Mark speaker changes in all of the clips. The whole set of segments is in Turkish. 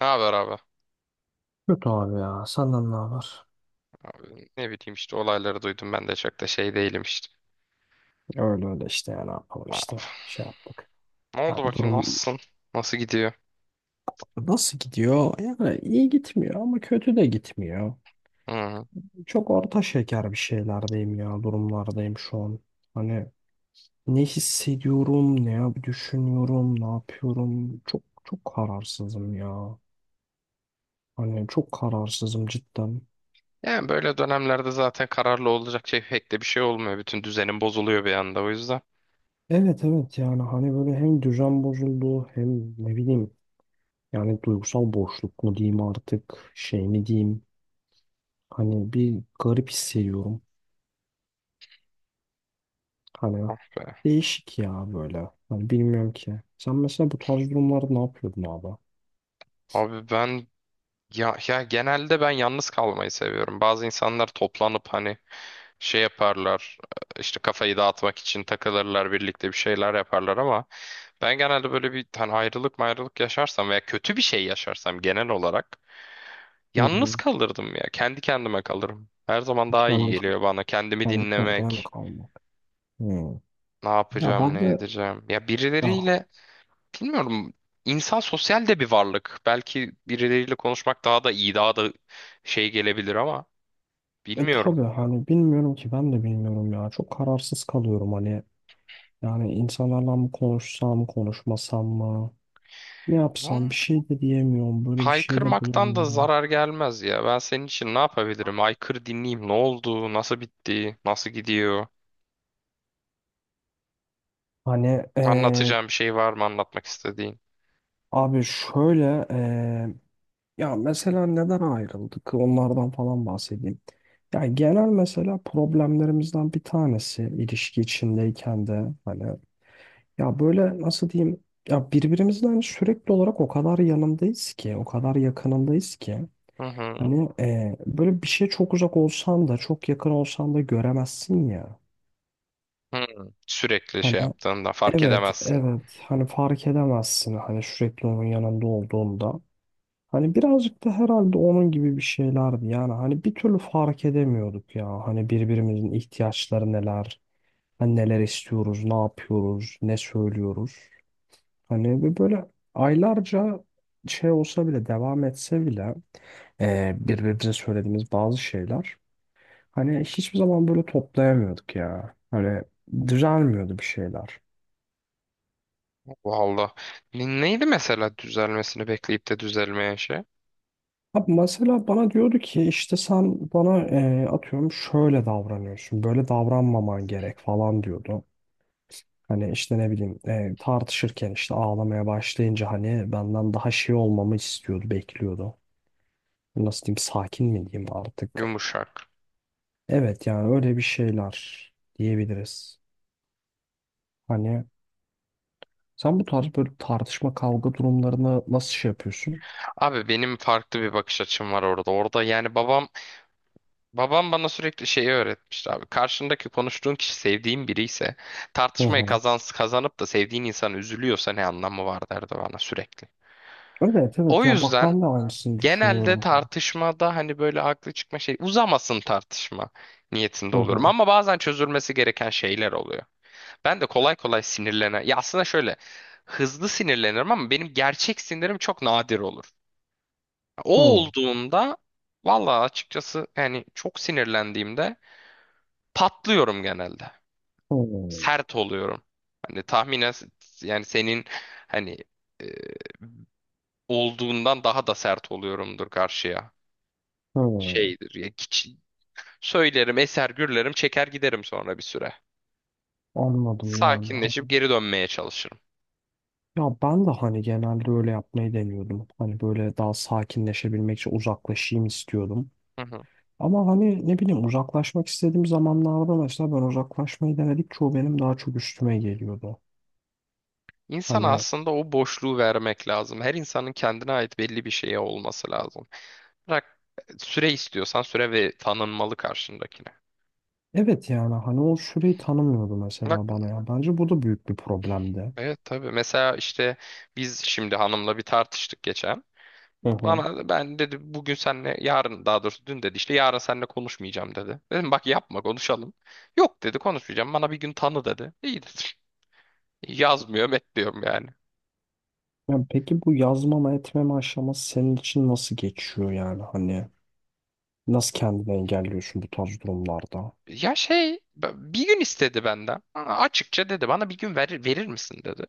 Speaker 1: Ne haber abi?
Speaker 2: Kötü abi ya. Senden ne haber?
Speaker 1: Abi ne bileyim işte olayları duydum ben de çok da şey değilim işte.
Speaker 2: Öyle öyle işte ya, ne yapalım
Speaker 1: Ne
Speaker 2: işte
Speaker 1: yap-
Speaker 2: şey yaptık.
Speaker 1: Ne
Speaker 2: Ha,
Speaker 1: oldu bakayım
Speaker 2: durum
Speaker 1: nasılsın? Nasıl gidiyor?
Speaker 2: nasıl gidiyor? Yani iyi gitmiyor ama kötü de gitmiyor.
Speaker 1: Hı.
Speaker 2: Çok orta şeker bir şeylerdeyim ya, durumlardayım şu an. Hani ne hissediyorum, düşünüyorum, ne yapıyorum? Çok çok kararsızım ya. Hani çok kararsızım cidden.
Speaker 1: Yani böyle dönemlerde zaten kararlı olacak şey pek de bir şey olmuyor. Bütün düzenin bozuluyor bir anda o yüzden.
Speaker 2: Evet evet, yani hani böyle hem düzen bozuldu hem ne bileyim, yani duygusal boşluk mu diyeyim artık, şey mi diyeyim. Hani bir garip hissediyorum. Hani
Speaker 1: Be-
Speaker 2: değişik ya böyle. Hani bilmiyorum ki. Sen mesela bu tarz durumlarda ne yapıyordun abi?
Speaker 1: Abi ben, ya genelde ben yalnız kalmayı seviyorum. Bazı insanlar toplanıp hani şey yaparlar, işte kafayı dağıtmak için takılırlar, birlikte bir şeyler yaparlar. Ama ben genelde böyle bir hani ayrılık mayrılık yaşarsam veya kötü bir şey yaşarsam genel olarak
Speaker 2: Hı
Speaker 1: yalnız
Speaker 2: hı.
Speaker 1: kalırdım ya. Kendi kendime kalırım. Her zaman daha iyi
Speaker 2: Kendi,
Speaker 1: geliyor bana. Kendimi
Speaker 2: kendi kendine mi
Speaker 1: dinlemek.
Speaker 2: kalmak? Hı.
Speaker 1: Ne
Speaker 2: Ya
Speaker 1: yapacağım,
Speaker 2: ben
Speaker 1: ne
Speaker 2: de
Speaker 1: edeceğim. Ya
Speaker 2: ya,
Speaker 1: birileriyle bilmiyorum. İnsan sosyal de bir varlık. Belki birileriyle konuşmak daha da iyi, daha da şey gelebilir ama bilmiyorum.
Speaker 2: tabii hani bilmiyorum ki, ben de bilmiyorum ya. Çok kararsız kalıyorum hani. Yani insanlarla mı konuşsam, konuşmasam mı? Ne yapsam
Speaker 1: Ama
Speaker 2: bir şey de diyemiyorum. Böyle bir şey de
Speaker 1: haykırmaktan da
Speaker 2: bulamıyorum.
Speaker 1: zarar gelmez ya. Ben senin için ne yapabilirim? Haykır, dinleyeyim. Ne oldu? Nasıl bitti? Nasıl gidiyor?
Speaker 2: Hani
Speaker 1: Anlatacağım bir şey var mı, anlatmak istediğin?
Speaker 2: abi şöyle. Ya mesela neden ayrıldık? Onlardan falan bahsedeyim. Ya genel mesela problemlerimizden bir tanesi, ilişki içindeyken de hani ya böyle nasıl diyeyim, ya birbirimizden sürekli olarak o kadar yanındayız ki, o kadar yakınındayız ki
Speaker 1: Hı hı.
Speaker 2: hani böyle bir şey, çok uzak olsan da çok yakın olsan da göremezsin ya.
Speaker 1: Hı. Sürekli şey
Speaker 2: Hani
Speaker 1: yaptığında fark
Speaker 2: evet
Speaker 1: edemezsin.
Speaker 2: evet, hani fark edemezsin hani, sürekli onun yanında olduğunda. Hani birazcık da herhalde onun gibi bir şeylerdi. Yani hani bir türlü fark edemiyorduk ya. Hani birbirimizin ihtiyaçları neler, hani neler istiyoruz, ne yapıyoruz, ne söylüyoruz. Hani ve böyle aylarca şey olsa bile, devam etse bile birbirimize söylediğimiz bazı şeyler hani hiçbir zaman böyle toplayamıyorduk ya. Hani düzelmiyordu bir şeyler.
Speaker 1: Valla. Neydi mesela düzelmesini bekleyip de düzelmeyen şey?
Speaker 2: Abi mesela bana diyordu ki, işte sen bana atıyorum şöyle davranıyorsun, böyle davranmaman gerek falan diyordu. Hani işte ne bileyim, tartışırken işte ağlamaya başlayınca hani benden daha şey olmamı istiyordu, bekliyordu. Nasıl diyeyim, sakin mi diyeyim artık.
Speaker 1: Yumuşak.
Speaker 2: Evet, yani öyle bir şeyler diyebiliriz. Hani sen bu tarz böyle tartışma kavga durumlarını nasıl şey yapıyorsun?
Speaker 1: Abi benim farklı bir bakış açım var orada. Orada yani babam bana sürekli şeyi öğretmişti abi. Karşındaki konuştuğun kişi sevdiğin biri ise
Speaker 2: Hı
Speaker 1: tartışmayı
Speaker 2: hı.
Speaker 1: kazan, kazanıp da sevdiğin insan üzülüyorsa ne anlamı var, derdi bana sürekli.
Speaker 2: Evet
Speaker 1: O
Speaker 2: evet, ya bak
Speaker 1: yüzden
Speaker 2: ben de aynısını
Speaker 1: genelde
Speaker 2: düşünüyorum.
Speaker 1: tartışmada hani böyle haklı çıkma, şey, uzamasın tartışma
Speaker 2: Hı
Speaker 1: niyetinde oluyorum.
Speaker 2: hı.
Speaker 1: Ama bazen çözülmesi gereken şeyler oluyor. Ben de kolay kolay sinirlenen. Ya aslında şöyle, hızlı sinirlenirim ama benim gerçek sinirim çok nadir olur. O
Speaker 2: Hı,
Speaker 1: olduğunda valla açıkçası yani çok sinirlendiğimde patlıyorum genelde.
Speaker 2: hı,
Speaker 1: Sert oluyorum. Hani tahminen yani senin hani e, olduğundan daha da sert oluyorumdur karşıya.
Speaker 2: hı.
Speaker 1: Şeydir ya, söylerim, eser gürlerim, çeker giderim sonra bir süre.
Speaker 2: Anladım yani. Ha.
Speaker 1: Sakinleşip geri dönmeye çalışırım.
Speaker 2: Ya ben de hani genelde öyle yapmayı deniyordum. Hani böyle daha sakinleşebilmek için uzaklaşayım istiyordum.
Speaker 1: Hı hı.
Speaker 2: Ama hani ne bileyim, uzaklaşmak istediğim zamanlarda mesela ben uzaklaşmayı denedik, çoğu benim daha çok üstüme geliyordu.
Speaker 1: İnsana
Speaker 2: Hani
Speaker 1: aslında o boşluğu vermek lazım. Her insanın kendine ait belli bir şeye olması lazım. Bırak, süre istiyorsan süre ve tanınmalı karşındakine.
Speaker 2: evet, yani hani o süreyi tanımıyordu
Speaker 1: Bak,
Speaker 2: mesela bana ya. Bence bu da büyük bir problemdi.
Speaker 1: evet tabii. Mesela işte biz şimdi hanımla bir tartıştık geçen.
Speaker 2: Hı hı.
Speaker 1: Bana ben dedi bugün senle yarın, daha doğrusu dün dedi, işte yarın seninle konuşmayacağım dedi. Dedim bak yapma, konuşalım. Yok dedi, konuşmayacağım, bana bir gün tanı dedi. İyi dedim. Yazmıyor, bekliyorum yani.
Speaker 2: Yani peki bu yazmama etmeme aşaması senin için nasıl geçiyor, yani hani? Nasıl kendini engelliyorsun bu tarz durumlarda?
Speaker 1: Ya şey, bir gün istedi benden. Aa, açıkça dedi bana, bir gün verir misin dedi.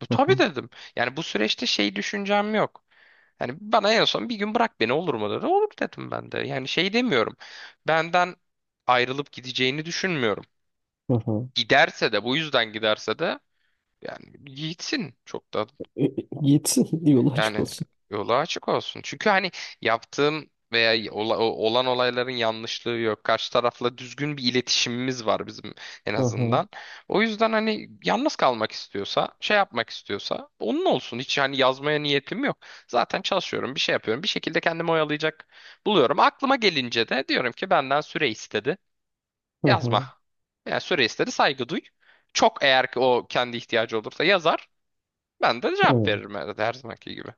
Speaker 1: Bu
Speaker 2: Hı
Speaker 1: tabii
Speaker 2: hı,
Speaker 1: dedim. Yani bu süreçte şey düşüncem yok. Yani bana en son bir gün bırak beni olur mu dedi. Olur dedim ben de. Yani şey demiyorum. Benden ayrılıp gideceğini düşünmüyorum.
Speaker 2: hı hı.
Speaker 1: Giderse de, bu yüzden giderse de yani gitsin. Çok da
Speaker 2: E, e, Gitsin yolu açık
Speaker 1: yani
Speaker 2: olsun.
Speaker 1: yolu açık olsun. Çünkü hani yaptığım veya olan olayların yanlışlığı yok. Karşı tarafla düzgün bir iletişimimiz var bizim en
Speaker 2: Hı hı,
Speaker 1: azından. O yüzden hani yalnız kalmak istiyorsa, şey yapmak istiyorsa onun olsun. Hiç hani yazmaya niyetim yok. Zaten çalışıyorum, bir şey yapıyorum. Bir şekilde kendimi oyalayacak buluyorum. Aklıma gelince de diyorum ki benden süre istedi.
Speaker 2: hı
Speaker 1: Yazma.
Speaker 2: hı,
Speaker 1: Yani süre istedi, saygı duy. Çok eğer ki o kendi ihtiyacı olursa yazar. Ben de cevap
Speaker 2: evet.
Speaker 1: veririm her zamanki gibi.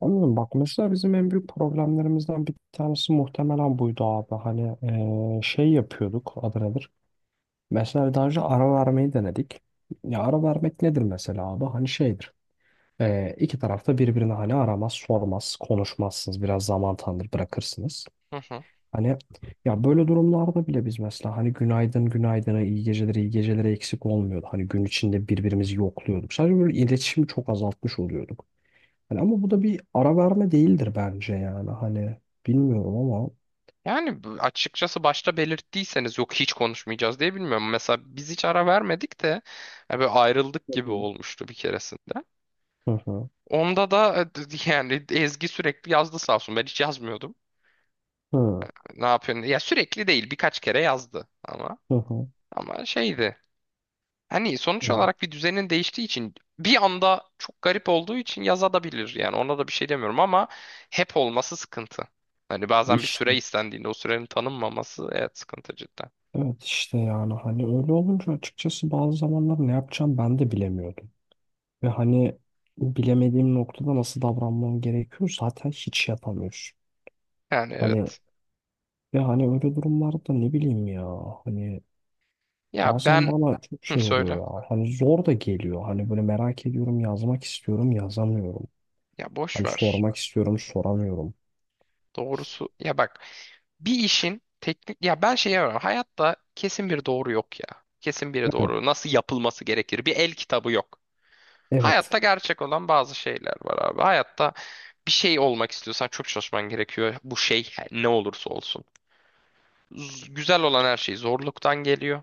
Speaker 2: Anladım. Bak mesela bizim en büyük problemlerimizden bir tanesi muhtemelen buydu abi. Hani şey yapıyorduk, adı nedir? Mesela daha önce ara vermeyi denedik. Ya ara vermek nedir mesela abi? Hani şeydir. İki tarafta birbirine hani aramaz, sormaz, konuşmazsınız. Biraz zaman tanır, bırakırsınız. Hani ya böyle durumlarda bile biz mesela hani günaydın günaydına, iyi gecelere iyi gecelere eksik olmuyordu. Hani gün içinde birbirimizi yokluyorduk. Sadece böyle iletişimi çok azaltmış oluyorduk. Hani ama bu da bir ara verme değildir bence yani. Hani bilmiyorum ama.
Speaker 1: Yani bu, açıkçası başta belirttiyseniz yok hiç konuşmayacağız diye bilmiyorum. Mesela biz hiç ara vermedik de ya böyle ayrıldık
Speaker 2: Hı
Speaker 1: gibi
Speaker 2: hı.
Speaker 1: olmuştu bir keresinde.
Speaker 2: Hı hı.
Speaker 1: Onda da yani Ezgi sürekli yazdı sağ olsun. Ben hiç yazmıyordum. Ne yapıyorsun? Ya sürekli değil, birkaç kere yazdı ama,
Speaker 2: Hı hı. Hı.
Speaker 1: ama şeydi. Hani sonuç
Speaker 2: Evet.
Speaker 1: olarak bir düzenin değiştiği için, bir anda çok garip olduğu için yazabilir. Yani ona da bir şey demiyorum ama hep olması sıkıntı. Hani bazen bir
Speaker 2: İşte,
Speaker 1: süre istendiğinde o sürenin tanınmaması, evet, sıkıntı cidden.
Speaker 2: evet işte yani hani öyle olunca açıkçası bazı zamanlar ne yapacağım ben de bilemiyordum. Ve hani bilemediğim noktada, nasıl davranmam gerekiyor zaten hiç yapamıyorsun.
Speaker 1: Yani
Speaker 2: Hani.
Speaker 1: evet.
Speaker 2: Ya hani öyle durumlarda ne bileyim ya. Hani
Speaker 1: Ya
Speaker 2: bazen
Speaker 1: ben,
Speaker 2: bana çok
Speaker 1: hı,
Speaker 2: şey oluyor
Speaker 1: söyle.
Speaker 2: ya. Hani zor da geliyor. Hani böyle merak ediyorum, yazmak istiyorum, yazamıyorum.
Speaker 1: Ya boş
Speaker 2: Hani
Speaker 1: ver.
Speaker 2: sormak istiyorum, soramıyorum.
Speaker 1: Doğrusu ya bak, bir işin teknik, ya ben şey yapıyorum. Hayatta kesin bir doğru yok ya. Kesin bir
Speaker 2: Evet.
Speaker 1: doğru. Nasıl yapılması gerekir? Bir el kitabı yok.
Speaker 2: Evet.
Speaker 1: Hayatta gerçek olan bazı şeyler var abi. Hayatta bir şey olmak istiyorsan çok çalışman gerekiyor. Bu şey ne olursa olsun. Güzel olan her şey zorluktan geliyor.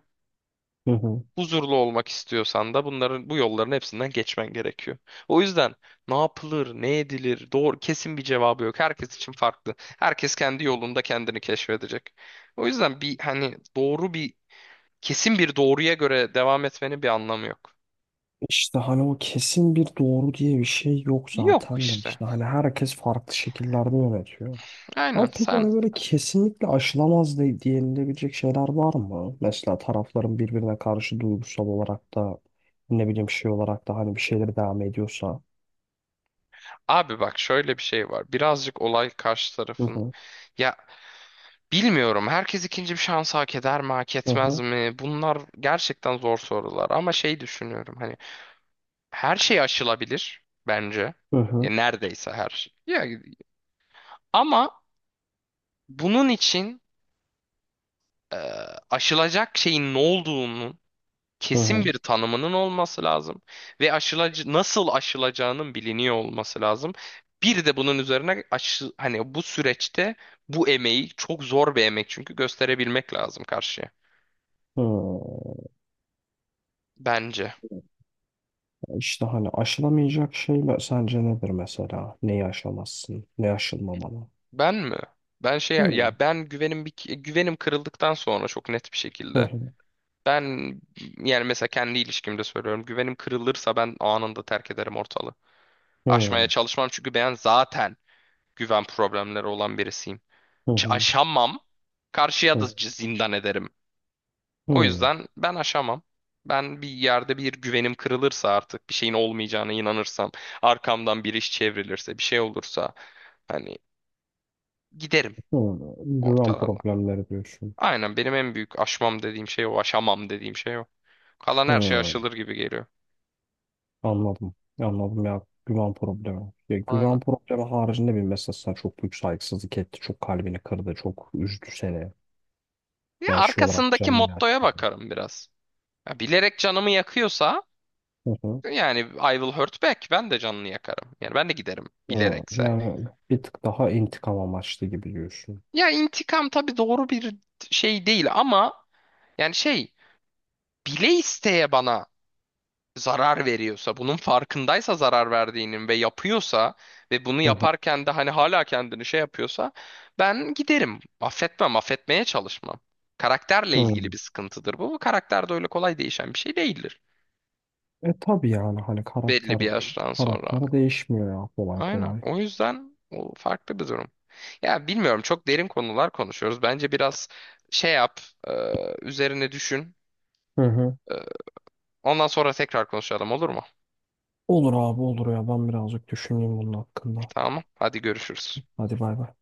Speaker 2: Hı hı.
Speaker 1: Huzurlu olmak istiyorsan da bunların, bu yolların hepsinden geçmen gerekiyor. O yüzden ne yapılır, ne edilir, doğru kesin bir cevabı yok. Herkes için farklı. Herkes kendi yolunda kendini keşfedecek. O yüzden bir hani doğru bir, kesin bir doğruya göre devam etmenin bir anlamı yok.
Speaker 2: İşte hani o kesin bir doğru diye bir şey yok
Speaker 1: Yok
Speaker 2: zaten de,
Speaker 1: işte.
Speaker 2: işte hani herkes farklı şekillerde yönetiyor.
Speaker 1: Aynen
Speaker 2: Ama peki
Speaker 1: sen.
Speaker 2: hani böyle kesinlikle aşılamaz diyenilebilecek şeyler var mı? Mesela tarafların birbirine karşı duygusal olarak da ne bileyim, şey olarak da hani bir şeyler devam ediyorsa.
Speaker 1: Abi bak şöyle bir şey var. Birazcık olay karşı
Speaker 2: Hı
Speaker 1: tarafın.
Speaker 2: hı,
Speaker 1: Ya bilmiyorum. Herkes ikinci bir şans hak eder mi, hak
Speaker 2: hı
Speaker 1: etmez
Speaker 2: hı,
Speaker 1: mi? Bunlar gerçekten zor sorular. Ama şey düşünüyorum. Hani her şey aşılabilir bence.
Speaker 2: hı
Speaker 1: Ya
Speaker 2: hı,
Speaker 1: neredeyse her şey. Ya, ama bunun için e, aşılacak şeyin ne olduğunun
Speaker 2: hı
Speaker 1: kesin
Speaker 2: hı.
Speaker 1: bir tanımının olması lazım ve aşılacı nasıl aşılacağının biliniyor olması lazım. Bir de bunun üzerine aşı, hani bu süreçte bu emeği, çok zor bir emek çünkü, gösterebilmek lazım karşıya.
Speaker 2: Hı.
Speaker 1: Bence.
Speaker 2: İşte hani aşılamayacak şeyler sence nedir mesela? Neyi aşamazsın? Ne aşılmamalı?
Speaker 1: Ben mi? Ben şey,
Speaker 2: Hı hı,
Speaker 1: ya ben güvenim, bir güvenim kırıldıktan sonra çok net bir
Speaker 2: hı
Speaker 1: şekilde.
Speaker 2: hı,
Speaker 1: Ben yani mesela kendi ilişkimde söylüyorum. Güvenim kırılırsa ben anında terk ederim ortalığı. Aşmaya
Speaker 2: hı
Speaker 1: çalışmam çünkü ben zaten güven problemleri olan birisiyim.
Speaker 2: hı,
Speaker 1: Aşamam. Karşıya da
Speaker 2: hı
Speaker 1: zindan ederim. O
Speaker 2: hı,
Speaker 1: yüzden ben aşamam. Ben bir yerde bir güvenim kırılırsa, artık bir şeyin olmayacağına inanırsam, arkamdan bir iş çevrilirse, bir şey olursa hani giderim
Speaker 2: hı. Güven
Speaker 1: ortadan.
Speaker 2: problemleri diyorsun.
Speaker 1: Aynen, benim en büyük aşmam dediğim şey o, aşamam dediğim şey o. Kalan her şey
Speaker 2: Hı,
Speaker 1: aşılır gibi geliyor.
Speaker 2: anladım. Anladım ya, güven problemi. Ya
Speaker 1: Aynen.
Speaker 2: güven problemi haricinde, bir mesela sana çok büyük saygısızlık etti. Çok kalbini kırdı. Çok üzdü seni.
Speaker 1: Ya
Speaker 2: Ve şey olarak
Speaker 1: arkasındaki
Speaker 2: canını
Speaker 1: mottoya
Speaker 2: yaktı.
Speaker 1: bakarım biraz. Ya bilerek canımı yakıyorsa, yani I will hurt back, ben de canını yakarım. Yani ben de giderim,
Speaker 2: Hı.
Speaker 1: bilerekse.
Speaker 2: Yani bir tık daha intikam amaçlı gibi diyorsun.
Speaker 1: Ya intikam tabii doğru bir şey değil ama yani şey, bile isteye bana zarar veriyorsa, bunun farkındaysa zarar verdiğinin ve yapıyorsa, ve bunu
Speaker 2: Hı hı.
Speaker 1: yaparken de hani hala kendini şey yapıyorsa, ben giderim. Affetmem, affetmeye çalışmam. Karakterle ilgili
Speaker 2: Hı.
Speaker 1: bir sıkıntıdır bu. Bu karakter de öyle kolay değişen bir şey değildir,
Speaker 2: E tabii, yani hani
Speaker 1: belli
Speaker 2: karakter
Speaker 1: bir yaştan sonra.
Speaker 2: karakter değişmiyor ya, kolay
Speaker 1: Aynen.
Speaker 2: kolay.
Speaker 1: O yüzden o farklı bir durum. Ya bilmiyorum, çok derin konular konuşuyoruz. Bence biraz şey yap, e, üzerine düşün.
Speaker 2: Hı hı.
Speaker 1: E, Ondan sonra tekrar konuşalım, olur mu?
Speaker 2: Olur abi, olur ya, ben birazcık düşüneyim bunun hakkında.
Speaker 1: Tamam. Hadi görüşürüz.
Speaker 2: Hadi bay bay.